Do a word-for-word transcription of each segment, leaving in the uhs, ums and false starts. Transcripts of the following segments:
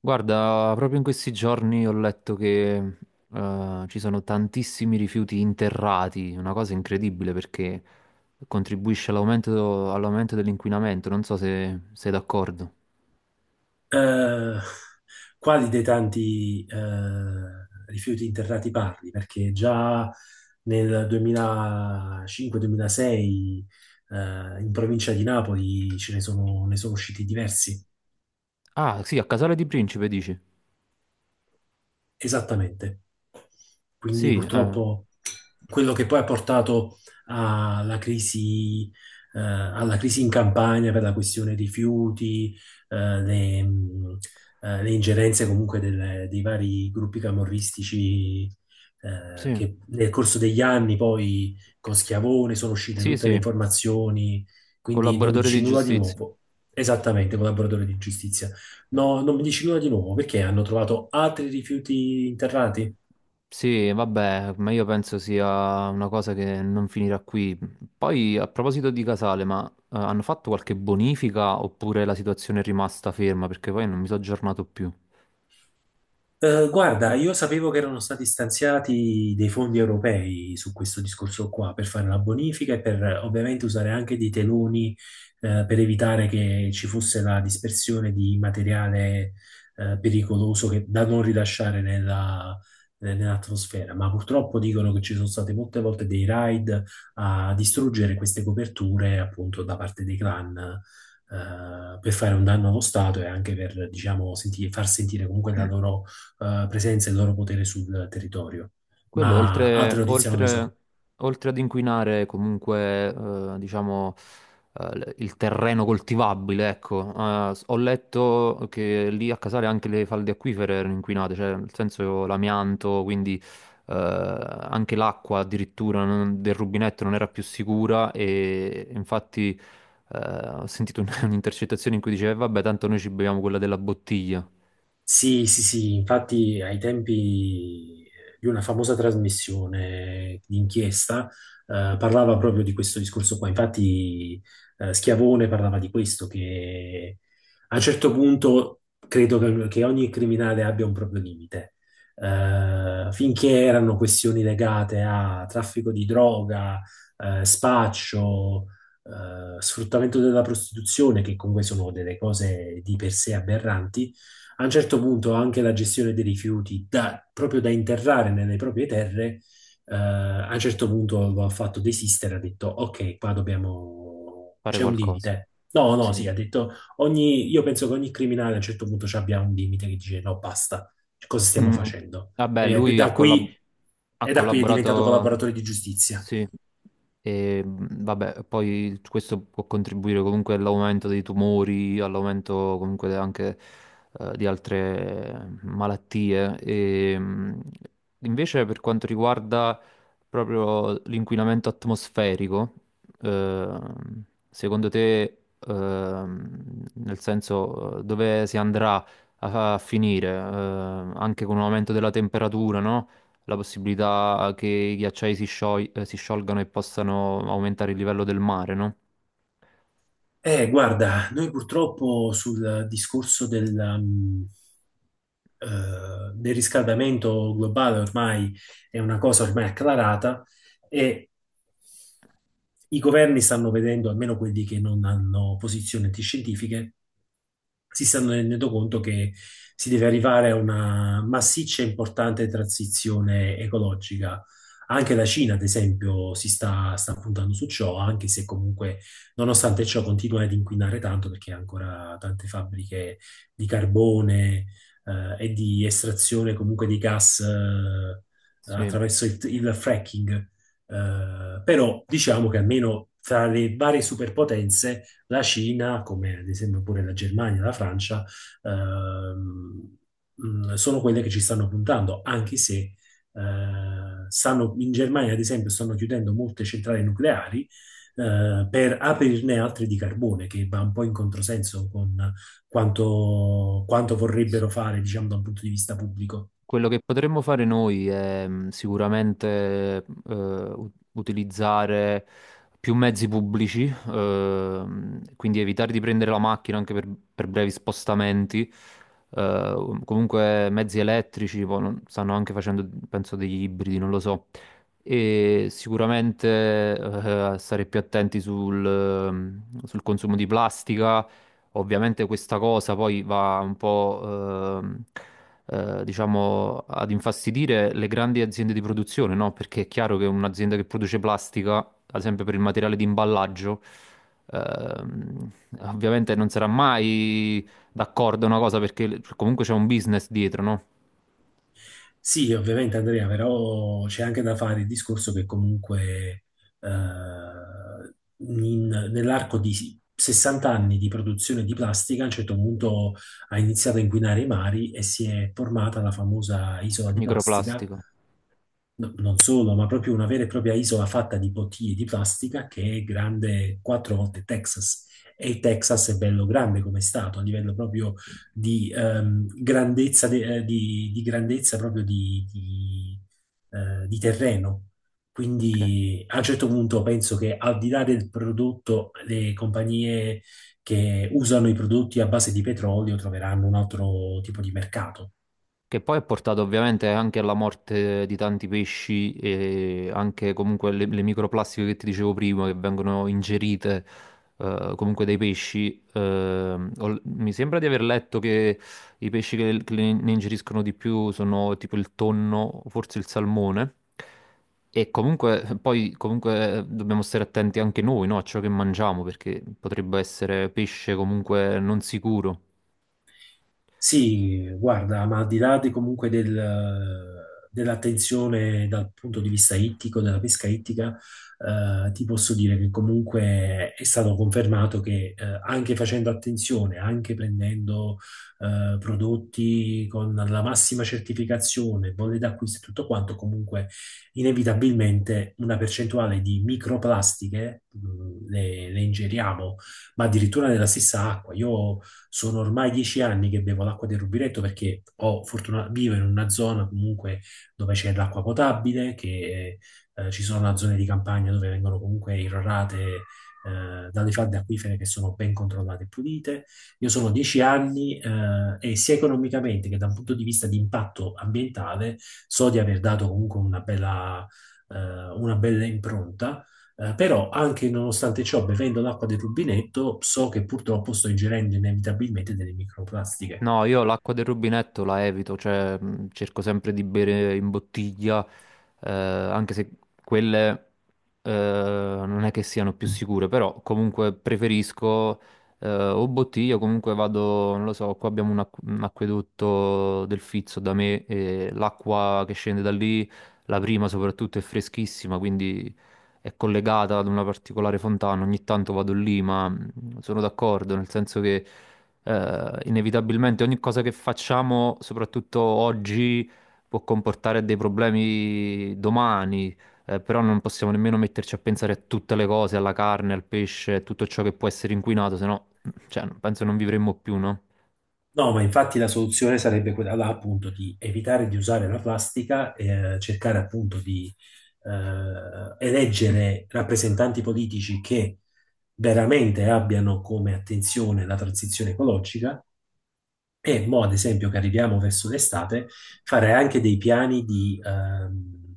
Guarda, proprio in questi giorni ho letto che eh, ci sono tantissimi rifiuti interrati, una cosa incredibile perché contribuisce all'aumento all'aumento dell'inquinamento, non so se sei d'accordo. Eh, quali dei tanti eh, rifiuti interrati parli? Perché già nel duemilacinque-duemilasei eh, in provincia di Napoli ce ne sono, ne sono usciti diversi. Ah, sì, a Casale di Principe dici? Esattamente. Quindi Sì, eh, purtroppo quello che poi ha portato alla crisi, eh, alla crisi in Campania per la questione rifiuti, eh, le, mh, eh, le ingerenze comunque delle- dei vari gruppi camorristici, eh, sì, che nel corso degli anni poi con Schiavone sono uscite sì, tutte le sì, informazioni, quindi non mi collaboratore di dici nulla di giustizia. nuovo. Esattamente, collaboratore di giustizia. No, non mi dici nulla di nuovo perché hanno trovato altri rifiuti interrati? Sì, vabbè, ma io penso sia una cosa che non finirà qui. Poi, a proposito di Casale, ma eh, hanno fatto qualche bonifica oppure la situazione è rimasta ferma? Perché poi non mi sono aggiornato più. Eh, guarda, io sapevo che erano stati stanziati dei fondi europei su questo discorso qua per fare la bonifica e per eh, ovviamente usare anche dei teloni eh, per evitare che ci fosse la dispersione di materiale eh, pericoloso che- da non rilasciare nella- eh, nell'atmosfera. Ma purtroppo dicono che ci sono state molte volte dei raid a distruggere queste coperture appunto da parte dei clan. eh, per fare un danno allo Stato e anche per, diciamo, senti- far sentire comunque la loro eh, presenza e il loro potere sul territorio, Quello ma oltre, altre notizie non le so. oltre- Oltre ad inquinare comunque, eh, diciamo, eh, l- il terreno coltivabile, ecco, eh, s- ho letto che lì a Casale anche le falde acquifere erano inquinate, cioè nel senso l'amianto, quindi eh, anche l'acqua addirittura non- del rubinetto non era più sicura e infatti eh, ho sentito un- un'intercettazione in cui diceva, "Eh, vabbè, tanto noi ci beviamo quella della bottiglia, Sì, sì, sì, infatti ai tempi eh, di una famosa trasmissione di inchiesta eh, parlava proprio di questo discorso qua. Infatti eh, Schiavone parlava di questo, che a un certo punto credo che, che ogni criminale abbia un proprio limite. Eh, finché erano questioni legate a traffico di droga, eh, spaccio, eh, sfruttamento della prostituzione, che comunque sono delle cose di per sé aberranti, a un certo punto anche la gestione dei rifiuti, da- proprio da interrare nelle proprie terre, eh, a un certo punto lo ha fatto desistere, ha detto ok, qua dobbiamo, fare c'è un qualcosa." limite. No, no, Sì. sì, ha detto ogni... io penso che ogni criminale a un certo punto ci abbia un limite che dice no, basta, cosa stiamo Mm. facendo? Vabbè, E lui ha da qui, collaborato. Ha e da qui è diventato collaborato, collaboratore di giustizia. sì, e mh, vabbè, poi questo può contribuire comunque all'aumento dei tumori, all'aumento comunque anche eh, di altre malattie. E, mh, invece per quanto riguarda proprio l'inquinamento atmosferico, ehm, secondo te, ehm, nel senso eh, dove si andrà a, a finire, Ehm, anche con un aumento della temperatura, no? La possibilità che i ghiacciai si scioi- eh, si sciolgano e possano aumentare il livello del mare, no? Eh, guarda, noi purtroppo sul discorso del, um, eh, del riscaldamento globale ormai è una cosa ormai acclarata e i governi stanno vedendo, almeno quelli che non hanno posizioni antiscientifiche, si stanno rendendo conto che si deve arrivare a una massiccia e importante transizione ecologica. Anche la Cina, ad esempio, si sta, sta puntando su ciò, anche se comunque, nonostante ciò, continua ad inquinare tanto perché ha ancora tante fabbriche di carbone, eh, e di estrazione comunque di gas, eh, Sì. attraverso il, il fracking. Eh, però diciamo che almeno tra le varie superpotenze la Cina, come ad esempio pure la Germania, la Francia, ehm, mh, sono quelle che ci stanno puntando, anche se eh, stanno, in Germania, ad esempio, stanno chiudendo molte centrali nucleari eh, per aprirne altre di carbone, che va un po' in controsenso con quanto, quanto vorrebbero fare, diciamo, da un punto di vista pubblico. Quello che potremmo fare noi è mh, sicuramente eh, u- utilizzare più mezzi pubblici, ehm, quindi evitare di prendere la macchina anche per, per brevi spostamenti. eh, comunque mezzi elettrici, poi non- stanno anche facendo, penso, degli ibridi, non lo so. E sicuramente eh, stare più attenti sul, ehm, sul consumo di plastica. Ovviamente questa cosa poi va un po', ehm, eh, diciamo, ad infastidire le grandi aziende di produzione, no? Perché è chiaro che un'azienda che produce plastica, ad esempio per il materiale di imballaggio, ehm, ovviamente non sarà mai d'accordo una cosa perché comunque c'è un business dietro, no? Sì, ovviamente Andrea, però c'è anche da fare il discorso che comunque eh, in- nell'arco di sessanta anni di produzione di plastica a un certo punto ha iniziato a inquinare i mari e si è formata la famosa isola di plastica. Microplastica. No- non solo, ma proprio una vera e propria isola fatta di bottiglie di plastica che è grande quattro volte Texas. E il Texas è bello grande come stato, a livello proprio di ehm, grandezza, de- eh, di, di grandezza proprio di, di, eh, di terreno. Ok. Quindi a un certo punto penso che al di là del prodotto, le compagnie che usano i prodotti a base di petrolio troveranno un altro tipo di mercato. Che poi ha portato ovviamente anche alla morte di tanti pesci e anche comunque le, le microplastiche che ti dicevo prima che vengono ingerite eh, comunque dai pesci. Ehm, ho- mi sembra di aver letto che i pesci che, che ne ne ingeriscono di più sono tipo il tonno, forse il salmone. E comunque poi comunque eh, dobbiamo stare attenti anche noi, no, a ciò che mangiamo perché potrebbe essere pesce comunque non sicuro. Sì, guarda, ma al di là di comunque del- dell'attenzione dal punto di vista ittico, della pesca ittica, eh, ti posso dire che comunque è stato confermato che eh, anche facendo attenzione, anche prendendo eh, prodotti con la massima certificazione, bolle d'acquisto e tutto quanto, comunque inevitabilmente una percentuale di microplastiche mh, le le ingeriamo ma addirittura nella stessa acqua. Io sono ormai dieci anni che bevo l'acqua del rubinetto perché ho fortuna, vivo in una zona comunque dove c'è l'acqua potabile, che eh, ci sono zone di campagna dove vengono comunque irrorate eh, dalle falde acquifere che sono ben controllate e pulite. Io sono dieci anni eh, e sia economicamente che da un punto di vista di impatto ambientale so di aver dato comunque una bella, eh, una bella impronta eh, però anche nonostante ciò, bevendo l'acqua del rubinetto, so che purtroppo sto ingerendo inevitabilmente delle microplastiche. No, io l'acqua del rubinetto la evito, cioè mh, cerco sempre di bere in bottiglia, eh, anche se quelle eh, non è che siano più sicure, però comunque preferisco eh, o bottiglia, o comunque vado, non lo so, qua abbiamo un, acqu- un acquedotto del Fizzo da me e l'acqua che scende da lì, la prima soprattutto è freschissima, quindi è collegata ad una particolare fontana, ogni tanto vado lì, ma mh, sono d'accordo, nel senso che eh, inevitabilmente ogni cosa che facciamo, soprattutto oggi, può comportare dei problemi domani, eh, però non possiamo nemmeno metterci a pensare a tutte le cose, alla carne, al pesce, a tutto ciò che può essere inquinato, se no, cioè, penso non vivremmo più, no? No, ma infatti la soluzione sarebbe quella là, appunto, di evitare di usare la plastica e eh, cercare appunto di eh, eleggere rappresentanti politici che veramente abbiano come attenzione la transizione ecologica e mo, ad esempio, che arriviamo verso l'estate, fare anche dei piani di ehm,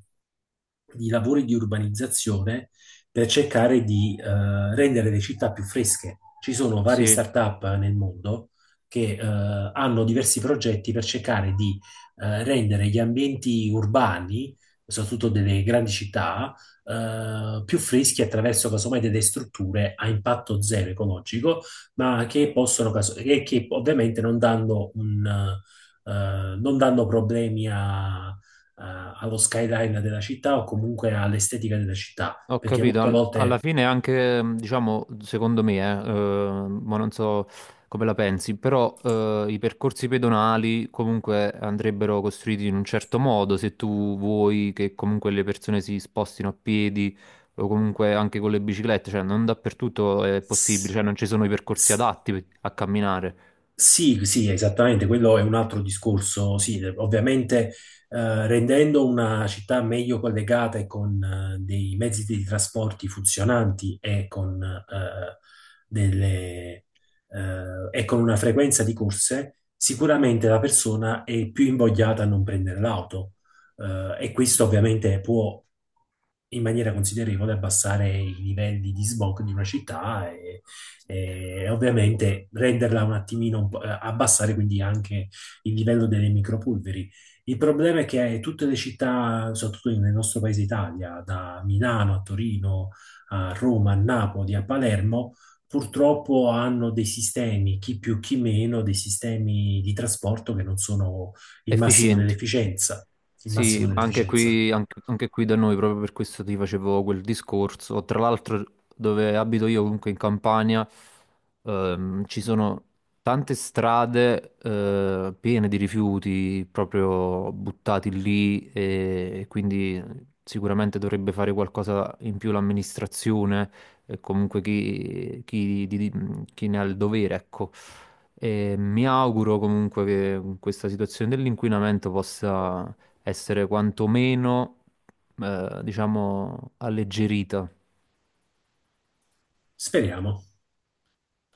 di lavori di urbanizzazione per cercare di eh, rendere le città più fresche. Ci sono varie Sì. start-up nel mondo che eh, hanno diversi progetti per cercare di eh, rendere gli ambienti urbani, soprattutto delle grandi città, eh, più freschi attraverso casomai delle strutture a impatto zero ecologico, ma che possono, caso- e che ovviamente non danno un, eh, non danno problemi a allo skyline della città o comunque all'estetica della città, Ho perché capito, molte al- alla volte fine anche, mh, diciamo, secondo me, eh, eh, ma non so come la pensi, però eh, i percorsi pedonali comunque andrebbero costruiti in un certo modo, se tu vuoi che comunque le persone si spostino a piedi o comunque anche con le biciclette, cioè non dappertutto è possibile, s- cioè non ci sono i percorsi s- adatti a camminare. sì, sì, esattamente, quello è un altro discorso, sì, ovviamente eh, rendendo una città meglio collegata e con eh, dei mezzi di trasporti funzionanti e con, eh, delle, eh, e con una frequenza di corse, sicuramente la persona è più invogliata a non prendere l'auto. Eh, e questo ovviamente può in maniera considerevole abbassare i livelli di smog di una città e, e ovviamente renderla un attimino, un po', eh, abbassare quindi anche il livello delle micropolveri. Il problema è che tutte le città, soprattutto nel nostro paese Italia, da Milano a Torino, a Roma, a Napoli, a Palermo, purtroppo hanno dei sistemi, chi più chi meno, dei sistemi di trasporto che non sono il massimo Efficienti. dell'efficienza. Il Sì, massimo ma anche dell'efficienza. qui, anche, anche qui da noi, proprio per questo ti facevo quel discorso. Tra l'altro, dove abito io, comunque in Campania, ehm, ci sono tante strade, eh, piene di rifiuti proprio buttati lì e quindi sicuramente dovrebbe fare qualcosa in più l'amministrazione e comunque chi, chi- di- di- chi ne ha il dovere, ecco. E mi auguro comunque che questa situazione dell'inquinamento possa essere quantomeno, eh, diciamo, alleggerita. Speriamo.